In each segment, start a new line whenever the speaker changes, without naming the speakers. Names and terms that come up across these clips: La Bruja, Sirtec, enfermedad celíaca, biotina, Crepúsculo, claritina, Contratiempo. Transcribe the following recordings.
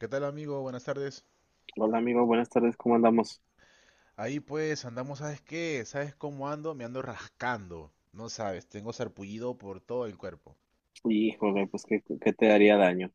¿Qué tal amigo? Buenas tardes.
Hola amigo, buenas tardes, ¿cómo andamos?
Ahí pues andamos, ¿sabes qué? ¿Sabes cómo ando? Me ando rascando. No sabes, tengo sarpullido por todo el cuerpo.
Híjole, pues qué te daría daño.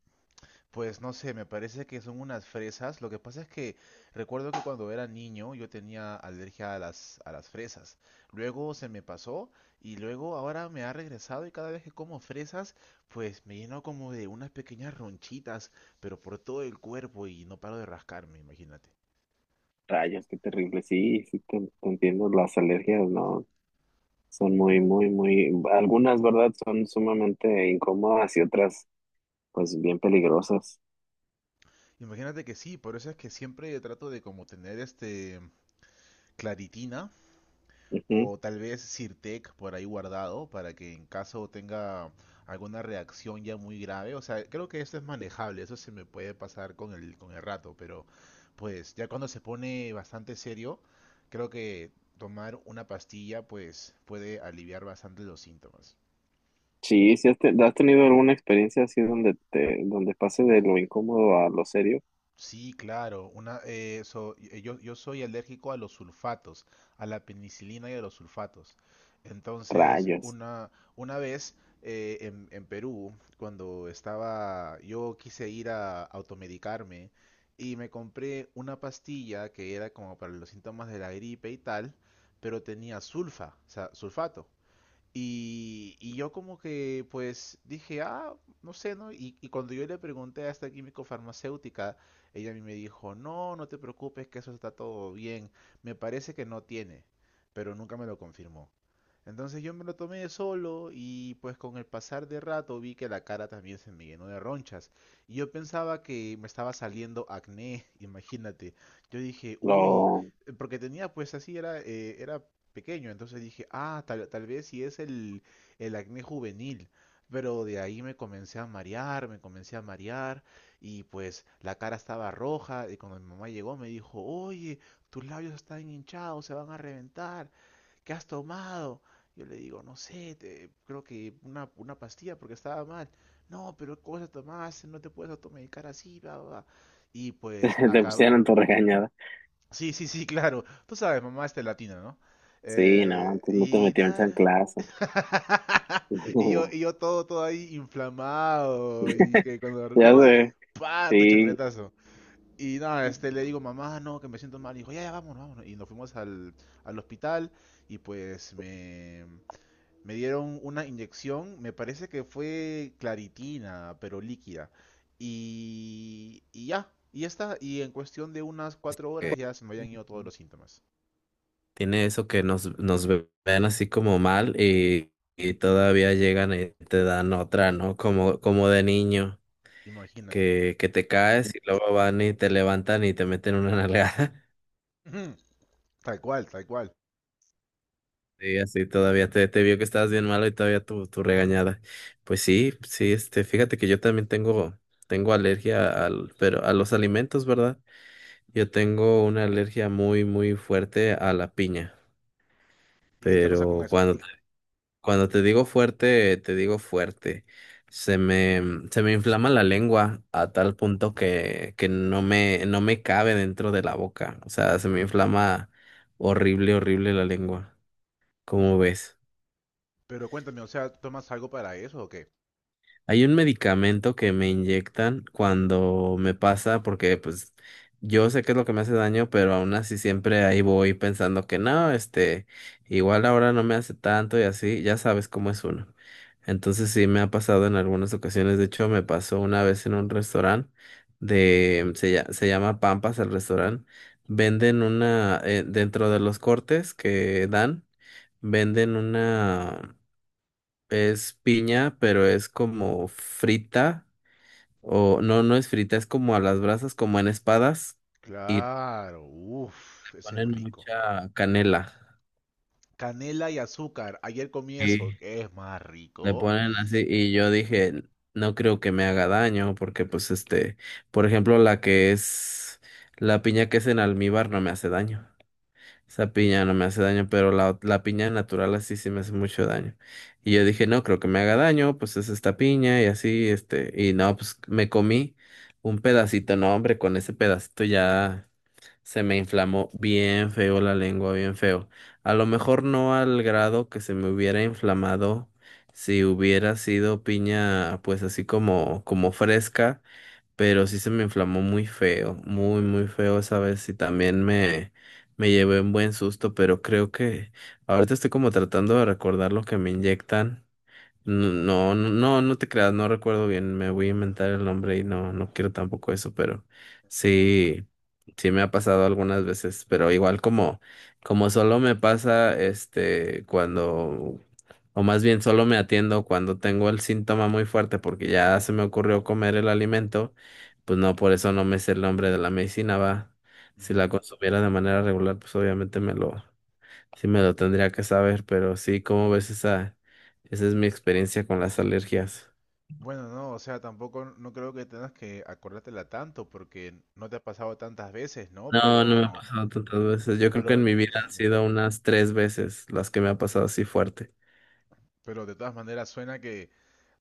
Pues no sé, me parece que son unas fresas. Lo que pasa es que recuerdo que cuando era niño yo tenía alergia a las fresas. Luego se me pasó y luego ahora me ha regresado y cada vez que como fresas pues me lleno como de unas pequeñas ronchitas, pero por todo el cuerpo y no paro de rascarme, imagínate.
Rayos, qué terrible. Sí, sí, te entiendo, las alergias, ¿no? Son muy, muy, muy, algunas, ¿verdad? Son sumamente incómodas y otras, pues bien peligrosas.
Imagínate que sí, por eso es que siempre trato de como tener este claritina
Ujú.
o tal vez Sirtec por ahí guardado para que en caso tenga alguna reacción ya muy grave, o sea, creo que eso es manejable, eso se me puede pasar con el rato, pero pues ya cuando se pone bastante serio, creo que tomar una pastilla pues puede aliviar bastante los síntomas.
Sí, sí, ¿has tenido alguna experiencia así donde te, donde pase de lo incómodo a lo serio?
Sí, claro. Yo soy alérgico a los sulfatos, a la penicilina y a los sulfatos. Entonces,
Rayos,
una vez en Perú, cuando estaba, yo quise ir a automedicarme y me compré una pastilla que era como para los síntomas de la gripe y tal, pero tenía sulfa, o sea, sulfato. Y yo como que pues dije, ah, no sé, ¿no? Y cuando yo le pregunté a esta químico farmacéutica, ella a mí me dijo, no, no te preocupes, que eso está todo bien. Me parece que no tiene, pero nunca me lo confirmó. Entonces yo me lo tomé solo y pues con el pasar de rato vi que la cara también se me llenó de ronchas. Y yo pensaba que me estaba saliendo acné, imagínate. Yo dije, uy,
lo,
porque tenía pues así, era pequeño. Entonces dije, ah, tal vez si es el acné juvenil. Pero de ahí me comencé a marear, me comencé a marear y pues la cara estaba roja y cuando mi mamá llegó me dijo, oye, tus labios están hinchados, se van a reventar, ¿qué has tomado? Yo le digo, no sé, creo que una pastilla porque estaba mal. No, pero ¿qué cosa tomaste? No te puedes automedicar así, bla, bla, bla". Y pues
te pusieron tu regañada.
sí, sí, sí, claro. Tú sabes, mamá este latina, ¿no?
Sí, no,
Eh,
antes no te
y
metieron
dar.
chanclazo.
Y yo, y yo todo ahí inflamado. Y que cuando,
Ya
¿no? Y
sé,
¡pa! Tu
sí.
chancletazo. Y nada, este, le digo, mamá, no, que me siento mal. Y dijo, ya, ya, vámonos, vámonos. Y nos fuimos al hospital. Y pues me dieron una inyección, me parece que fue claritina, pero líquida. Y ya, y ya está. Y en cuestión de unas 4 horas
Ok.
ya se me habían ido todos los síntomas.
Tiene eso que nos, ven así como mal y todavía llegan y te dan otra, ¿no? Como, como de niño,
Imagínate.
que te caes y luego van y te levantan y te meten una nalgada.
Ujú. Tal cual, tal cual.
Y así todavía te vio que estabas bien malo y todavía tu, tu regañada. Pues sí, sí, este, fíjate que yo también tengo, tengo alergia al, pero a los alimentos, ¿verdad? Yo tengo una alergia muy, muy fuerte a la piña.
¿Y qué te pasa con
Pero
eso?
cuando Cuando te digo fuerte, te digo fuerte. Se me, se me inflama la lengua a tal punto que no me cabe dentro de la boca. O sea, se me inflama horrible, horrible la lengua. ¿Cómo ves?
Pero cuéntame, o sea, ¿tomas algo para eso o qué?
Hay un medicamento que me inyectan cuando me pasa, porque pues yo sé que es lo que me hace daño, pero aún así siempre ahí voy pensando que no, este, igual ahora no me hace tanto y así, ya sabes cómo es uno. Entonces sí me ha pasado en algunas ocasiones, de hecho me pasó una vez en un restaurante de, se llama Pampas el restaurante, venden una, dentro de los cortes que dan, venden una es piña, pero es como frita, o no, no es frita, es como a las brasas, como en espadas, y le
Claro, uff, ese es
ponen
rico.
mucha canela.
Canela y azúcar. Ayer comí eso,
Y
que es más
le
rico.
ponen así, y yo dije, no creo que me haga daño, porque pues este, por ejemplo, la piña que es en almíbar no me hace daño. Esa piña no me hace daño, pero la piña natural así sí me hace mucho daño. Y yo dije, no creo que me haga daño, pues es esta piña y así, este, y no, pues me comí un pedacito, no, hombre, con ese pedacito ya se me inflamó bien feo la lengua, bien feo. A lo mejor no al grado que se me hubiera inflamado si hubiera sido piña, pues así como, como fresca, pero sí se me inflamó muy feo, muy, muy feo esa vez y también me llevé un buen susto, pero creo que ahorita estoy como tratando de recordar lo que me inyectan. No, no, no, no te creas, no recuerdo bien, me voy a inventar el nombre y no, no quiero tampoco eso, pero sí, sí me ha pasado algunas veces, pero igual como, como solo me pasa, este, cuando, o más bien solo me atiendo cuando tengo el síntoma muy fuerte porque ya se me ocurrió comer el alimento, pues no, por eso no me sé el nombre de la medicina, va. Si
Ujú.
la consumiera de manera regular, pues obviamente sí me lo tendría que saber, pero sí, ¿cómo ves esa? Esa es mi experiencia con las alergias.
Bueno, no, o sea, tampoco no creo que tengas que acordártela tanto porque no te ha pasado tantas veces, ¿no?
No, no me ha pasado tantas veces. Yo creo que en
Pero,
mi vida han sido unas tres veces las que me ha pasado así fuerte.
pero de todas maneras suena que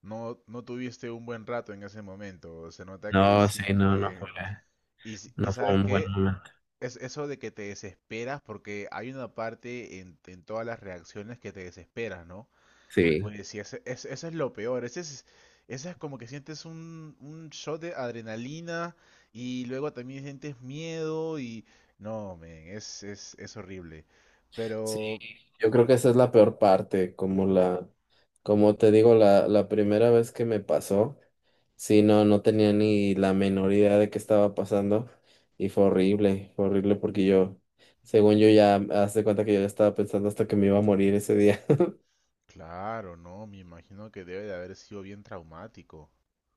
no, no tuviste un buen rato en ese momento. Se nota que
No,
sí
sí,
fue. Y
no fue
¿sabes
un buen
qué?
momento.
Es eso de que te desesperas porque hay una parte en todas las reacciones que te desesperas, ¿no?
Sí,
Pues sí, eso es lo peor. Ese es como que sientes un shot de adrenalina y luego también sientes miedo y... No, men, es horrible.
sí.
Pero,
Yo creo que esa es la peor parte, como la, como te digo, la primera vez que me pasó, sí, no tenía ni la menor idea de qué estaba pasando y fue horrible porque yo, según yo ya, haz de cuenta que yo ya estaba pensando hasta que me iba a morir ese día.
claro, no, me imagino que debe de haber sido bien traumático.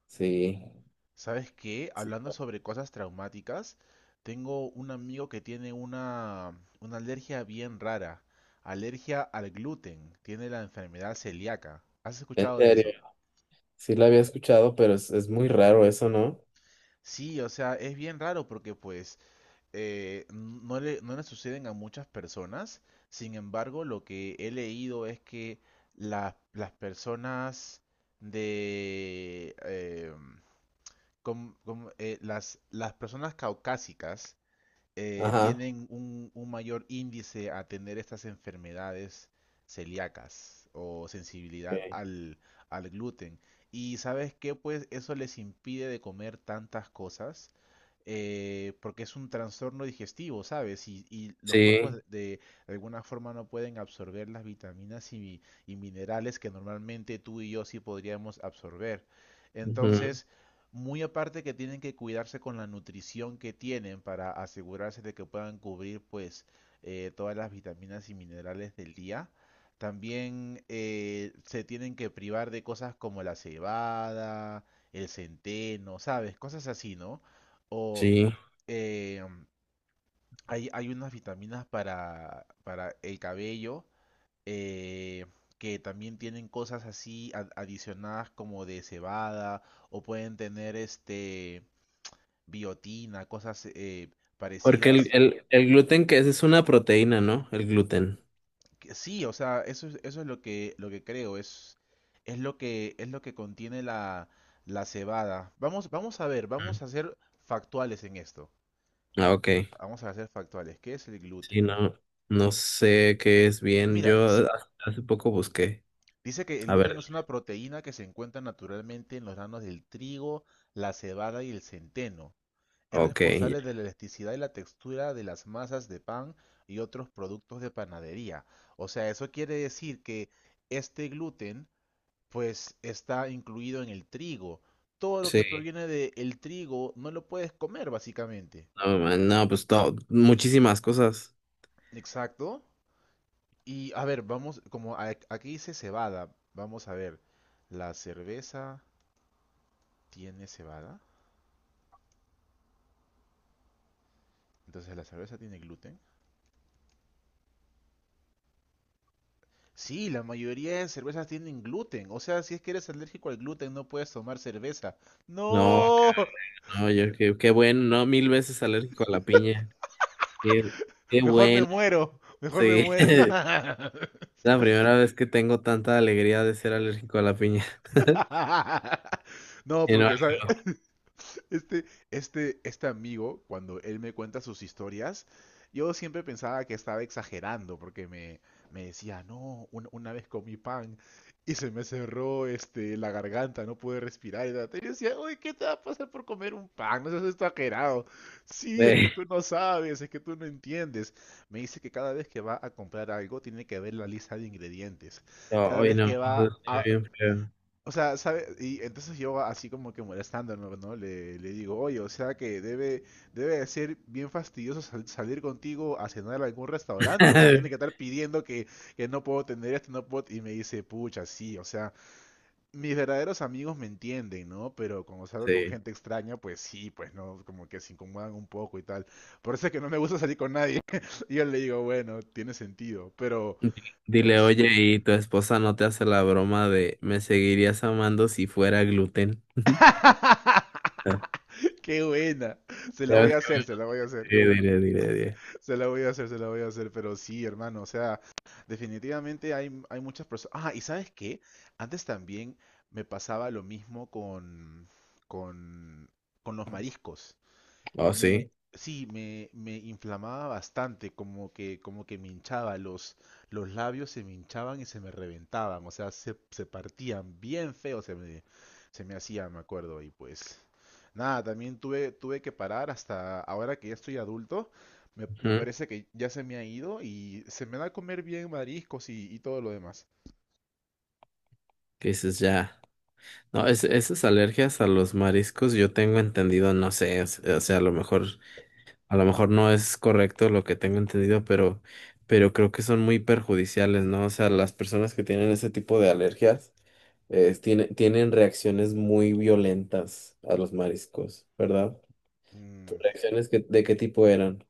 ¿Sabes qué?
Sí.
Hablando sobre cosas traumáticas, tengo un amigo que tiene una alergia bien rara. Alergia al gluten. Tiene la enfermedad celíaca. ¿Has
En
escuchado de
serio,
eso?
sí la había escuchado, pero es muy raro eso, ¿no?
Sí, o sea, es bien raro porque pues no le suceden a muchas personas. Sin embargo, lo que he leído es que la- las personas de las personas caucásicas
Ajá.
tienen un mayor índice a tener estas enfermedades celíacas o sensibilidad
Ok.
al gluten. Y ¿sabes qué? Pues eso les impide de comer tantas cosas porque es un trastorno digestivo, ¿sabes? Y los cuerpos
Sí,
de alguna forma no pueden absorber las vitaminas y minerales que normalmente tú y yo sí podríamos absorber.
ujú,
Entonces, muy aparte que tienen que cuidarse con la nutrición que tienen para asegurarse de que puedan cubrir pues todas las vitaminas y minerales del día. También se tienen que privar de cosas como la cebada, el centeno, ¿sabes? Cosas así, ¿no? O
sí.
eh, hay unas vitaminas para el cabello eh, que también tienen cosas así adicionadas como de cebada o pueden tener este biotina, cosas
Porque
parecidas.
el gluten que es una proteína, ¿no? El gluten.
Que sí, o sea, eso es lo que creo, es lo que contiene la cebada. Vamos a ver,
Mm.
vamos a ser factuales en esto.
Ah, ok.
Vamos a ser factuales. ¿Qué es el gluten?
Sí, no, no sé qué es bien.
Mira,
Yo hace poco busqué.
dice que el
A
gluten
ver,
es una proteína que se encuentra naturalmente en los granos del trigo, la cebada y el centeno. Es
ok,
responsable
ya.
de la elasticidad y la textura de las masas de pan y otros productos de panadería. O sea, eso quiere decir que este gluten, pues, está incluido en el trigo. Todo lo que
Sí,
proviene del trigo no lo puedes comer, básicamente.
no, man, no, pues todo, muchísimas cosas.
Exacto. Y a ver, vamos, como aquí dice cebada, vamos a ver. La cerveza tiene cebada. Entonces, ¿la cerveza tiene gluten? Sí, la mayoría de cervezas tienen gluten. O sea, si es que eres alérgico al gluten, no puedes tomar cerveza.
No,
No,
no, yo qué, qué bueno, no, mil veces alérgico a la piña. Qué, qué
mejor me
bueno,
muero, mejor me
sí.
muero.
La primera vez que tengo tanta alegría de ser alérgico a la piña.
No,
Y no,
porque ¿sabe? Este, este amigo, cuando él me cuenta sus historias, yo siempre pensaba que estaba exagerando porque me decía, no, una vez comí pan y se me cerró este, la garganta, no pude respirar. Y, tal". Y yo decía, oye, ¿qué te va a pasar por comer un pan? No seas exagerado. Sí, es que
ve,
tú no sabes, es que tú no entiendes. Me dice que cada vez que va a comprar algo tiene que ver la lista de ingredientes.
no,
Cada
hoy
vez
no,
que va
estoy
a,
bien feo.
o sea, ¿sabe? Y entonces yo así como que molestándome, ¿no? Le digo, oye, o sea que debe de ser bien fastidioso salir contigo a cenar a algún restaurante, porque tiene que estar pidiendo que no puedo tener esto, no puedo... Y me dice, pucha, sí, o sea, mis verdaderos amigos me entienden, ¿no? Pero cuando salgo con
Sí.
gente extraña, pues sí, pues no, como que se incomodan un poco y tal. Por eso es que no me gusta salir con nadie. Y yo le digo, bueno, tiene sentido, pero,
Dile,
sí.
oye, ¿y tu esposa no te hace la broma de me seguirías amando si fuera gluten? Ah,
Qué buena. Se la
ya
voy
ves
a
que
hacer, se la voy a hacer.
dile, dile, dile.
Se la voy a hacer, se la voy a hacer. Pero sí, hermano, o sea, definitivamente hay muchas personas. Ah, y ¿sabes qué? Antes también me pasaba lo mismo con, con, con los mariscos.
Oh,
Me,
sí.
sí, me inflamaba bastante, como que me hinchaba, los labios se me hinchaban y se me reventaban, o sea, se partían bien feo, se me hacía, me acuerdo, y pues nada, también tuve que parar hasta ahora que ya estoy adulto, me
Ujú.
parece que ya se me ha ido y se me da a comer bien mariscos y todo lo demás.
Que dices ya. No, es, esas alergias a los mariscos yo tengo entendido, no sé, o sea, a lo mejor no es correcto lo que tengo entendido, pero creo que son muy perjudiciales, ¿no? O sea, las personas que tienen ese tipo de alergias, tienen reacciones muy violentas a los mariscos, ¿verdad? ¿Tus
Mm.
reacciones de qué tipo eran?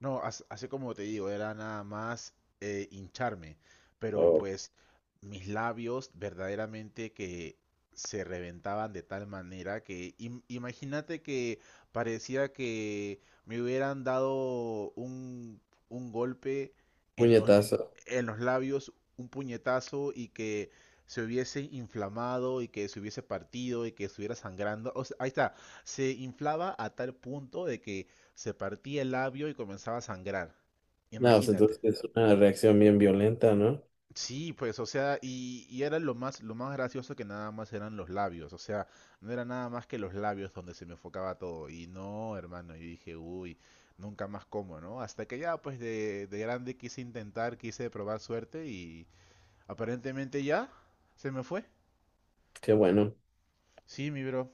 No, así como te digo, era nada más hincharme, pero
O
pues mis labios verdaderamente que se reventaban de tal manera que imagínate que parecía que me hubieran dado un golpe en los,
puñetazo.
en los labios, un puñetazo y que se hubiese inflamado y que se hubiese partido y que estuviera sangrando. O sea, ahí está, se inflaba a tal punto de que se partía el labio y comenzaba a sangrar.
No, o sea,
Imagínate.
entonces es una reacción bien violenta, ¿no?
Sí, pues, o sea, y era lo más gracioso que nada más eran los labios, o sea, no era nada más que los labios donde se me enfocaba todo. Y no, hermano, yo dije, uy, nunca más como, ¿no? Hasta que ya, pues, de grande quise intentar, quise probar suerte y aparentemente ya se me fue.
Qué bueno.
Sí, mi bro.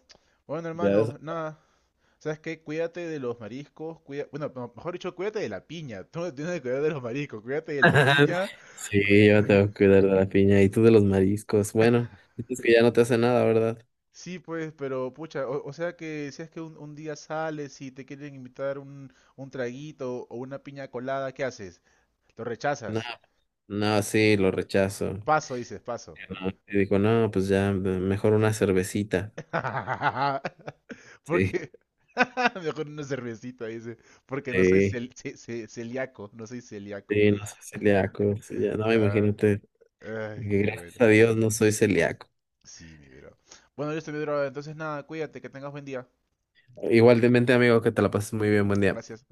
Bueno,
Ya es-
hermano, nada. ¿Sabes qué? Cuídate de los mariscos, cuida... bueno, no, mejor dicho, cuídate de la piña. Tú no tienes que cuidar de los mariscos, cuídate de la piña.
Sí, yo me tengo que cuidar de la piña y tú de los mariscos. Bueno, dices que ya no te hace nada, ¿verdad?
Sí, pues, pero pucha, o sea que si es que un día sales y te quieren invitar un traguito o una piña colada, ¿qué haces? Lo
No,
rechazas.
no, sí, lo rechazo.
Paso, dices, paso.
¿No? Y digo, no, pues ya, mejor una cervecita. Sí,
Porque mejor una cervecita, dice, porque no soy
sí,
celíaco, no soy celíaco.
sí, no soy celíaco. Sí, ya, no,
Ah,
imagínate,
ay,
porque
qué bueno.
gracias a Dios no soy celíaco.
Sí, mi bro. Bueno, yo estoy mi bro. Entonces, nada, cuídate, que tengas buen día.
Igualmente, amigo, que te la pases muy bien, buen día.
Gracias.